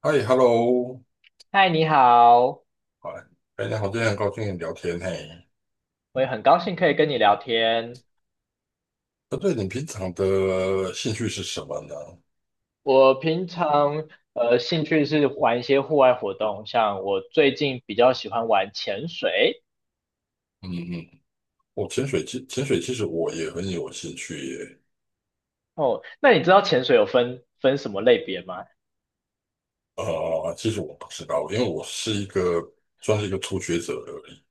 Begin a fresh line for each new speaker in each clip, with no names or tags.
嗨，Hello，
嗨，你好，
哎，哎，你好，今天很高兴跟你聊天嘿。
我也很高兴可以跟你聊天。
那对，你平常的兴趣是什么呢？
我平常兴趣是玩一些户外活动，像我最近比较喜欢玩潜水。
嗯嗯，我潜水，潜水其实我也很有兴趣耶。
哦，那你知道潜水有分什么类别吗
其实我不知道，因为我是一个算是一个初学者而已。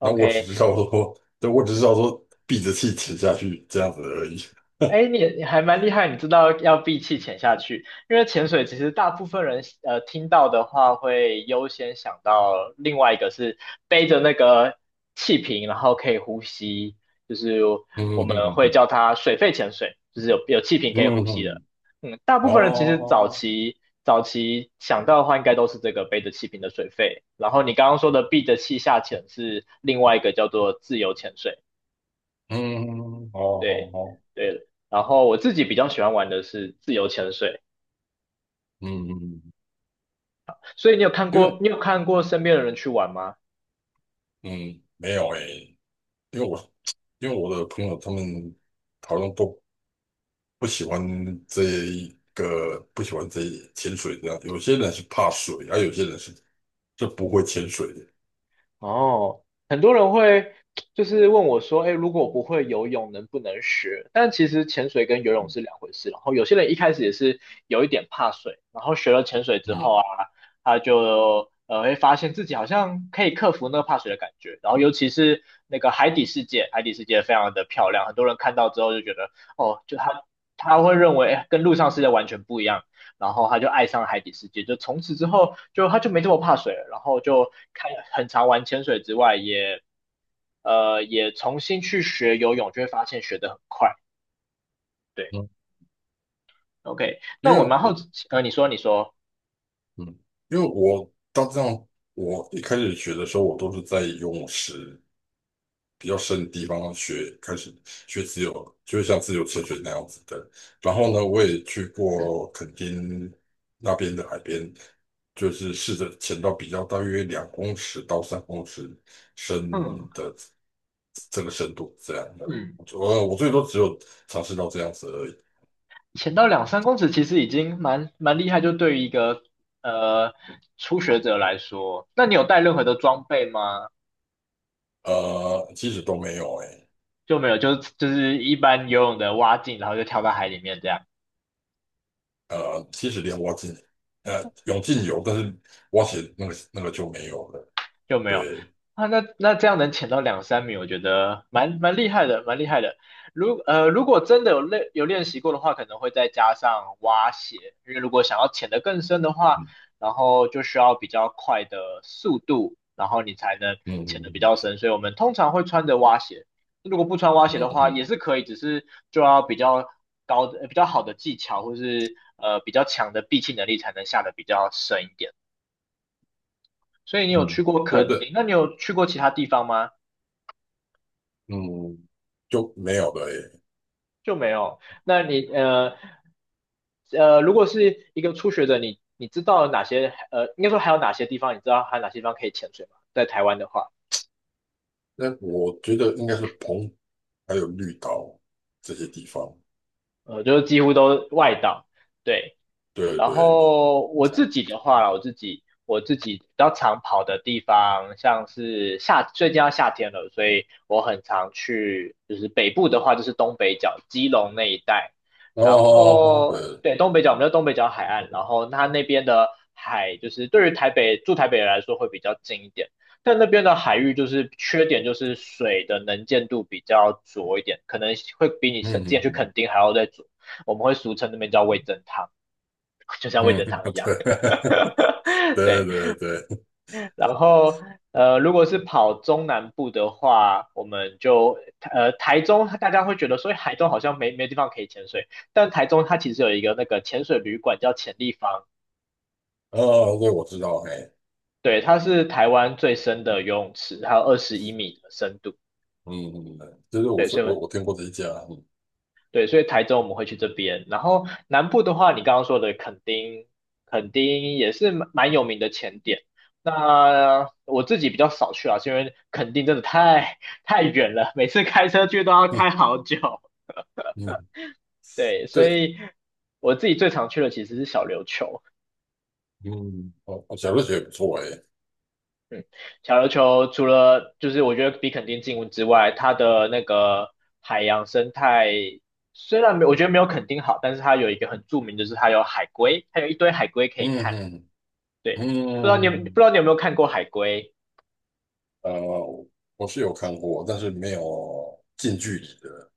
那我只
？OK,
知道说，对，我只知道说闭着气潜下去这样子而已。
哎，你还蛮厉害，你知道要闭气潜下去，因为潜水其实大部分人听到的话会优先想到另外一个是背着那个气瓶，然后可以呼吸，就是我
嗯
们
嗯嗯
会
嗯
叫它水肺潜水，就是有气瓶
嗯
可以呼吸
嗯。
的。
嗯。
嗯，大部分人其实早
哦。
期早期想到的话，应该都是这个背着气瓶的水肺，然后你刚刚说的闭着气下潜是另外一个叫做自由潜水。
嗯。嗯嗯。哦好。
对
哦。
对，然后我自己比较喜欢玩的是自由潜水，
嗯嗯。嗯。
所以你有看
因
过
为
你有看过身边的人去玩吗？
嗯没有诶。因为我因为我的朋友他们好像都不喜欢这一个，不喜欢潜水这样。有些人是怕水，而、有些人是不会潜水的。
哦，很多人会就是问我说，哎，如果我不会游泳，能不能学？但其实潜水跟游泳
嗯
是两回事。然后有些人一开始也是有一点怕水，然后学了潜水之
嗯。
后啊，他就会发现自己好像可以克服那个怕水的感觉。然后尤其是那个海底世界，海底世界非常的漂亮，很多人看到之后就觉得，哦，就他会认为，哎跟陆上世界完全不一样。然后他就爱上了海底世界，就从此之后他就没这么怕水了，然后就很常玩潜水之外，也重新去学游泳，就会发现学得很快。对
嗯。
，OK,
因
那我
为
蛮好
我
奇，你说，
嗯，因为我到这样，我一开始学的时候，我都是在游泳池，比较深的地方学，开始学自由，就像自由潜水那样子的。然后呢，我
嗯，
也去过垦丁那边的海边，就是试着潜到比较大约2公尺到三公尺
嗯
深的这个深度，这样的。
嗯，
我最多只有尝试到这样子而已。
潜到两三公尺其实已经蛮厉害，就对于一个呃初学者来说，那你有带任何的装备吗？
其实都没有哎、
就没有，就是一般游泳的蛙镜，然后就跳到海里面这样。
其实连蛙进泳镜有，但是蛙鞋那个就没有了。
就没有
对。
啊。那这样能潜到两三米，我觉得蛮厉害的，蛮厉害的。如果真的有练习过的话，可能会再加上蛙鞋，因为如果想要潜得更深的话，
嗯
然后就需要比较快的速度，然后你才能潜得比较
嗯
深。所以我们通常会穿着蛙鞋。如果不穿蛙鞋
嗯
的
嗯。
话，也
嗯
是可以，只是就要比较高的、比较好的技巧，或是比较强的闭气能力，才能下得比较深一点。所以你有
嗯，
去过
对
垦丁，
对，
那你有去过其他地方吗？
嗯，就没有了耶。
就没有。那你如果是一个初学者，你知道哪些，应该说还有哪些地方，你知道还有哪些地方可以潜水吗？在台湾的话，
那我觉得应该是澎还有绿岛这些地方。
就是几乎都外岛。对，
对
然
对。
后我自己的话啦我自己比较常跑的地方，像是最近要夏天了，所以我很常去，就是北部的话就是东北角、基隆那一带，然
哦，
后
对。
对东北角，我们叫东北角海岸，然后它那边的海就是对于台北住台北人来说会比较近一点。但那边的海域就是缺点，就是水的能见度比较浊一点，可能会比你之
嗯
前去
嗯
垦丁还要再浊。我们会俗称那边叫味增汤，就像味
嗯。
增汤一
嗯
样。
对。对
对，
对对。
然后如果是跑中南部的话，我们就台中，大家会觉得所以台中好像没地方可以潜水，但台中它其实有一个那个潜水旅馆叫潜立方，
哦，对，我知道，哎。
对，它是台湾最深的游泳池，它有21米的深度。
嗯。嗯嗯就是我
对，
是
所以
我我听过这一家。嗯
对,所以台中我们会去这边，然后南部的话，你刚刚说的垦丁，垦丁也是蛮有名的潜点。那我自己比较少去啊，是因为垦丁真的太远了，每次开车去都要
嗯。
开好久。
嗯。
对，所
对。
以我自己最常去的其实是小琉球。
嗯。哦，哦小瑞雪也不错，哎。
嗯，小琉球除了就是我觉得比垦丁近之外，它的那个海洋生态虽然没我觉得没有垦丁好，但是它有一个很著名，就是它有海龟，它有一堆海龟可以看。
嗯嗯
对，不知道你有不知
嗯。
道你有没有看过海龟？
嗯。哦。我是有看过，但是没有近距离的。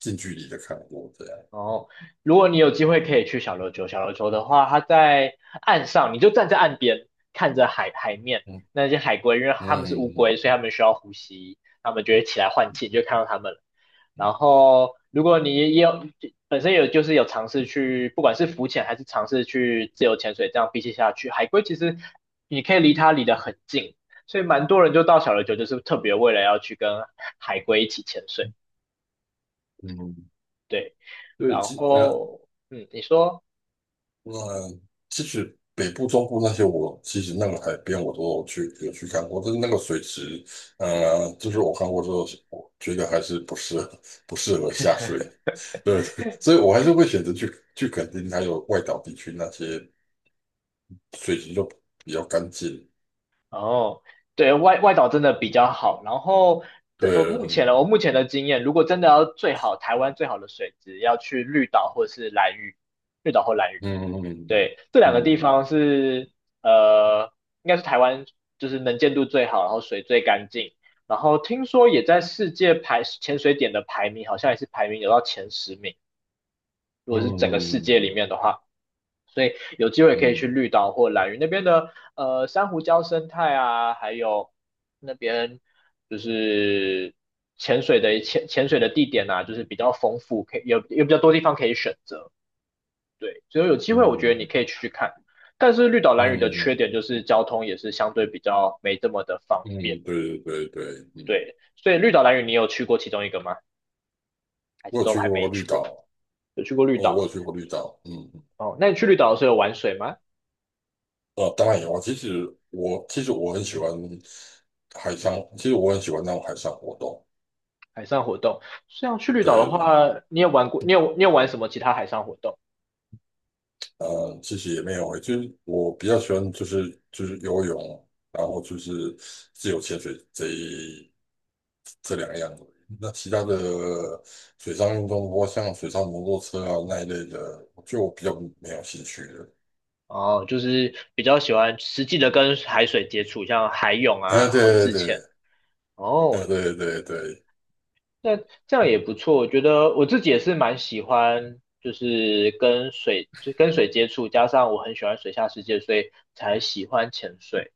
近距离的看过这样。
哦，如果你有机会可以去小琉球，小琉球的话，它在岸上，你就站在岸边看着海面
嗯
那些海龟，因为它
嗯
们是乌龟，
嗯
所以它们需要呼吸，它们就会起来换气，你就看到它们了。然后，如果你也有本身有就是有尝试去，不管是浮潜还是尝试去自由潜水，这样比起下去，海龟其实你可以离它离得很近，所以蛮多人就到小琉球，就是特别为了要去跟海龟一起潜水。
嗯。
对，
对。
然
其。
后嗯，你说
呃，其实北部、中部那些，我其实那个海边我都有去看过，但是那个水池，就是我看过之后，我觉得还是不适合下水。对，所以我还是会选择去肯定还有外岛地区那些水池就比较干净。
哦，对外岛真的比较好。然后这呃
对。
目前的
嗯
我目前的经验，如果真的要台湾最好的水质，要去绿岛或是兰屿，绿岛或兰屿。
嗯
对，这两个
嗯
地方
嗯
是呃，应该是台湾就是能见度最好，然后水最干净，然后听说也在世界排潜水点的排名，好像也是排名有到前10名。如果是整个世界
嗯
里面的话，所以有机会可以去
嗯
绿岛或兰屿那边的珊瑚礁生态啊，还有那边就是潜水的潜水的地点啊，就是比较丰富，可以有比较多地方可以选择。对，所以有机会我觉得你可以去看。但是绿岛兰屿的
嗯
缺
嗯。
点就是交通也是相对比较没这么的方
嗯。
便。
对对对对。嗯。
对，所以绿岛兰屿你有去过其中一个吗？还是
我有
都
去
还
过
没
绿
去过？
岛。
有去过绿
哦，
岛？
我有去过绿岛。嗯。
哦，那你去绿岛的时候有玩水吗？
当然有啊。其实我很喜欢海上，其实我很喜欢那种海上活动。
海上活动。像去绿岛的
对对。
话，你有玩过？你有玩什么其他海上活动？
其实也没有欸就是我比较喜欢就是游泳，然后就是自由潜水这两样而已那其他的水上运动，包括像水上摩托车啊那一类的，就我比较没有兴趣了。
哦，就是比较喜欢实际的跟海水接触，像海泳啊，
哎、
然后
对对
自
对。
潜。
哎、
哦，
对对对。
那这样也不错。我觉得我自己也是蛮喜欢，就是跟水接触，加上我很喜欢水下世界，所以才喜欢潜水。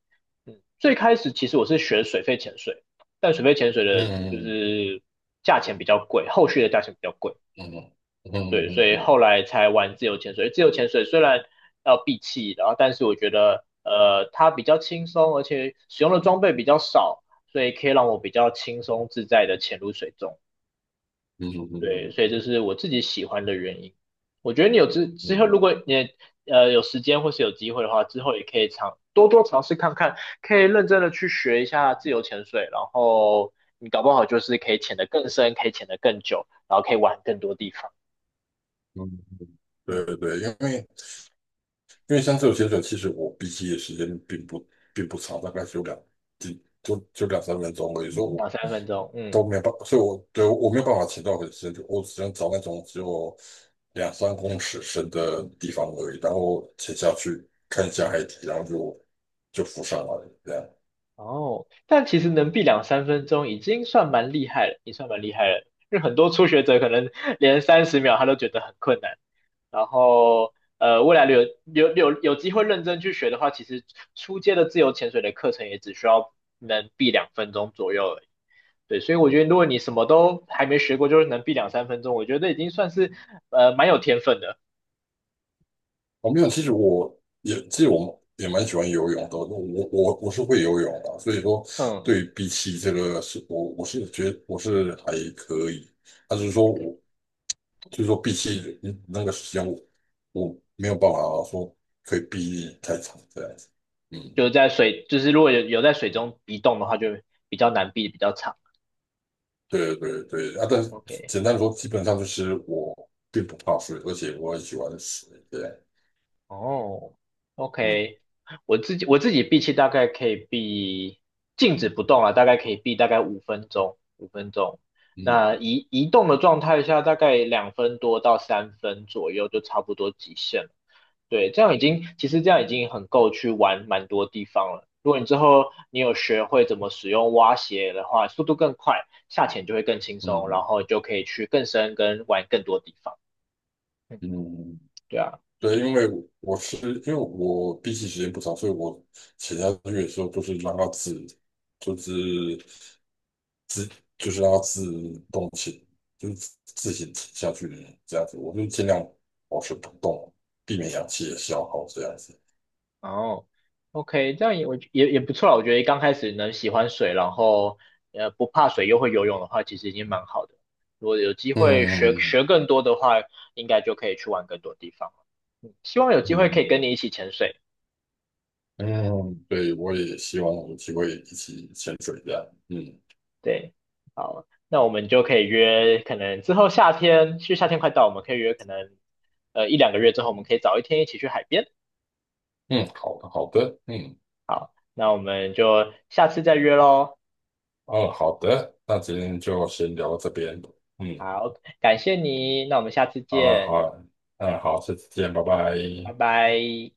嗯，最开始其实我是学水肺潜水，但水肺潜水
嗯
的就
嗯
是价钱比较贵，后续的价钱比较贵。
嗯嗯
对，所以
嗯
后来才玩自由潜水。自由潜水虽然要闭气，然后但是我觉得它比较轻松，而且使用的装备比较少，所以可以让我比较轻松自在的潜入水中。对，
嗯
所以这是我自己喜欢的原因。我觉得你之后，如
嗯。
果你有时间或是有机会的话，之后也可以多多尝试看看，可以认真的去学一下自由潜水，然后你搞不好就是可以潜得更深，可以潜得更久，然后可以玩更多地方。
嗯。
嗯，
对对对，因为像这种潜水，其实我闭气的时间并不长，大概只有两几就就两三分钟而已，所以我
两三分钟，嗯，
都没有办法，所以我没有办法潜到很深，就我只能找那种只有两三公尺深的地方而已，然后潜下去看一下海底，然后就浮上来了，这样。
哦，但其实能避两三分钟已经算蛮厉害了，已经算蛮厉害了。因为很多初学者可能连30秒他都觉得很困难。然后，未来有机会认真去学的话，其实初阶的自由潜水的课程也只需要能避2分钟左右而已。对，所以我觉得如果你什么都还没学过，就是能避两三分钟，我觉得已经算是蛮有天分的。
我没有，其实我也蛮喜欢游泳的，我我是会游泳的，所以说
嗯，
对比起这个是我是觉得我是还可以，但是
还
说
可以。
我比起那个时间我没有办法说可以避太长这样子。
就是
嗯。
在水，就是如果有有在水中移动的话，就比较难避，比较长。
对对对啊，但是
OK,
简单地说，基本上就是我并不怕水，而且我很喜欢水，对。
哦
嗯
，OK,我自己闭气大概可以闭，静止不动啊，大概可以闭大概五分钟，五分钟。那
嗯
移动的状态下，大概两分多到三分左右就差不多极限了。对，这样已经其实这样已经很够去玩蛮多地方了。如果你之后你有学会怎么使用蛙鞋的话，速度更快，下潜就会更轻松，然
嗯
后就可以去更深跟玩更多地方。嗯，
嗯嗯。
对啊。
对，因为是因为我闭气时间不长，所以我写下去的时候都是让它自，就是自，就是让它自动潜，就是自行潜下去的这样子。我就尽量保持不动，避免氧气的消耗这样子。
哦，OK,这样也我也不错啦。我觉得刚开始能喜欢水，然后不怕水又会游泳的话，其实已经蛮好的。如果有机会学
嗯
学更多的话，应该就可以去玩更多地方。希望有机会可以
嗯
跟你一起潜水。
嗯，对，我也希望有机会一起潜水这样。嗯。
对，好，那我们就可以约，可能之后夏天，其实夏天快到，我们可以约可能一两个月之后，我们可以早一天一起去海边。
嗯，好的好的。嗯。
好，那我们就下次再约喽。
嗯好的，那今天就先聊到这边。嗯。
好，感谢你，那我们下次
好啊，好
见，
啊。嗯，好，下次见，拜
拜
拜。
拜。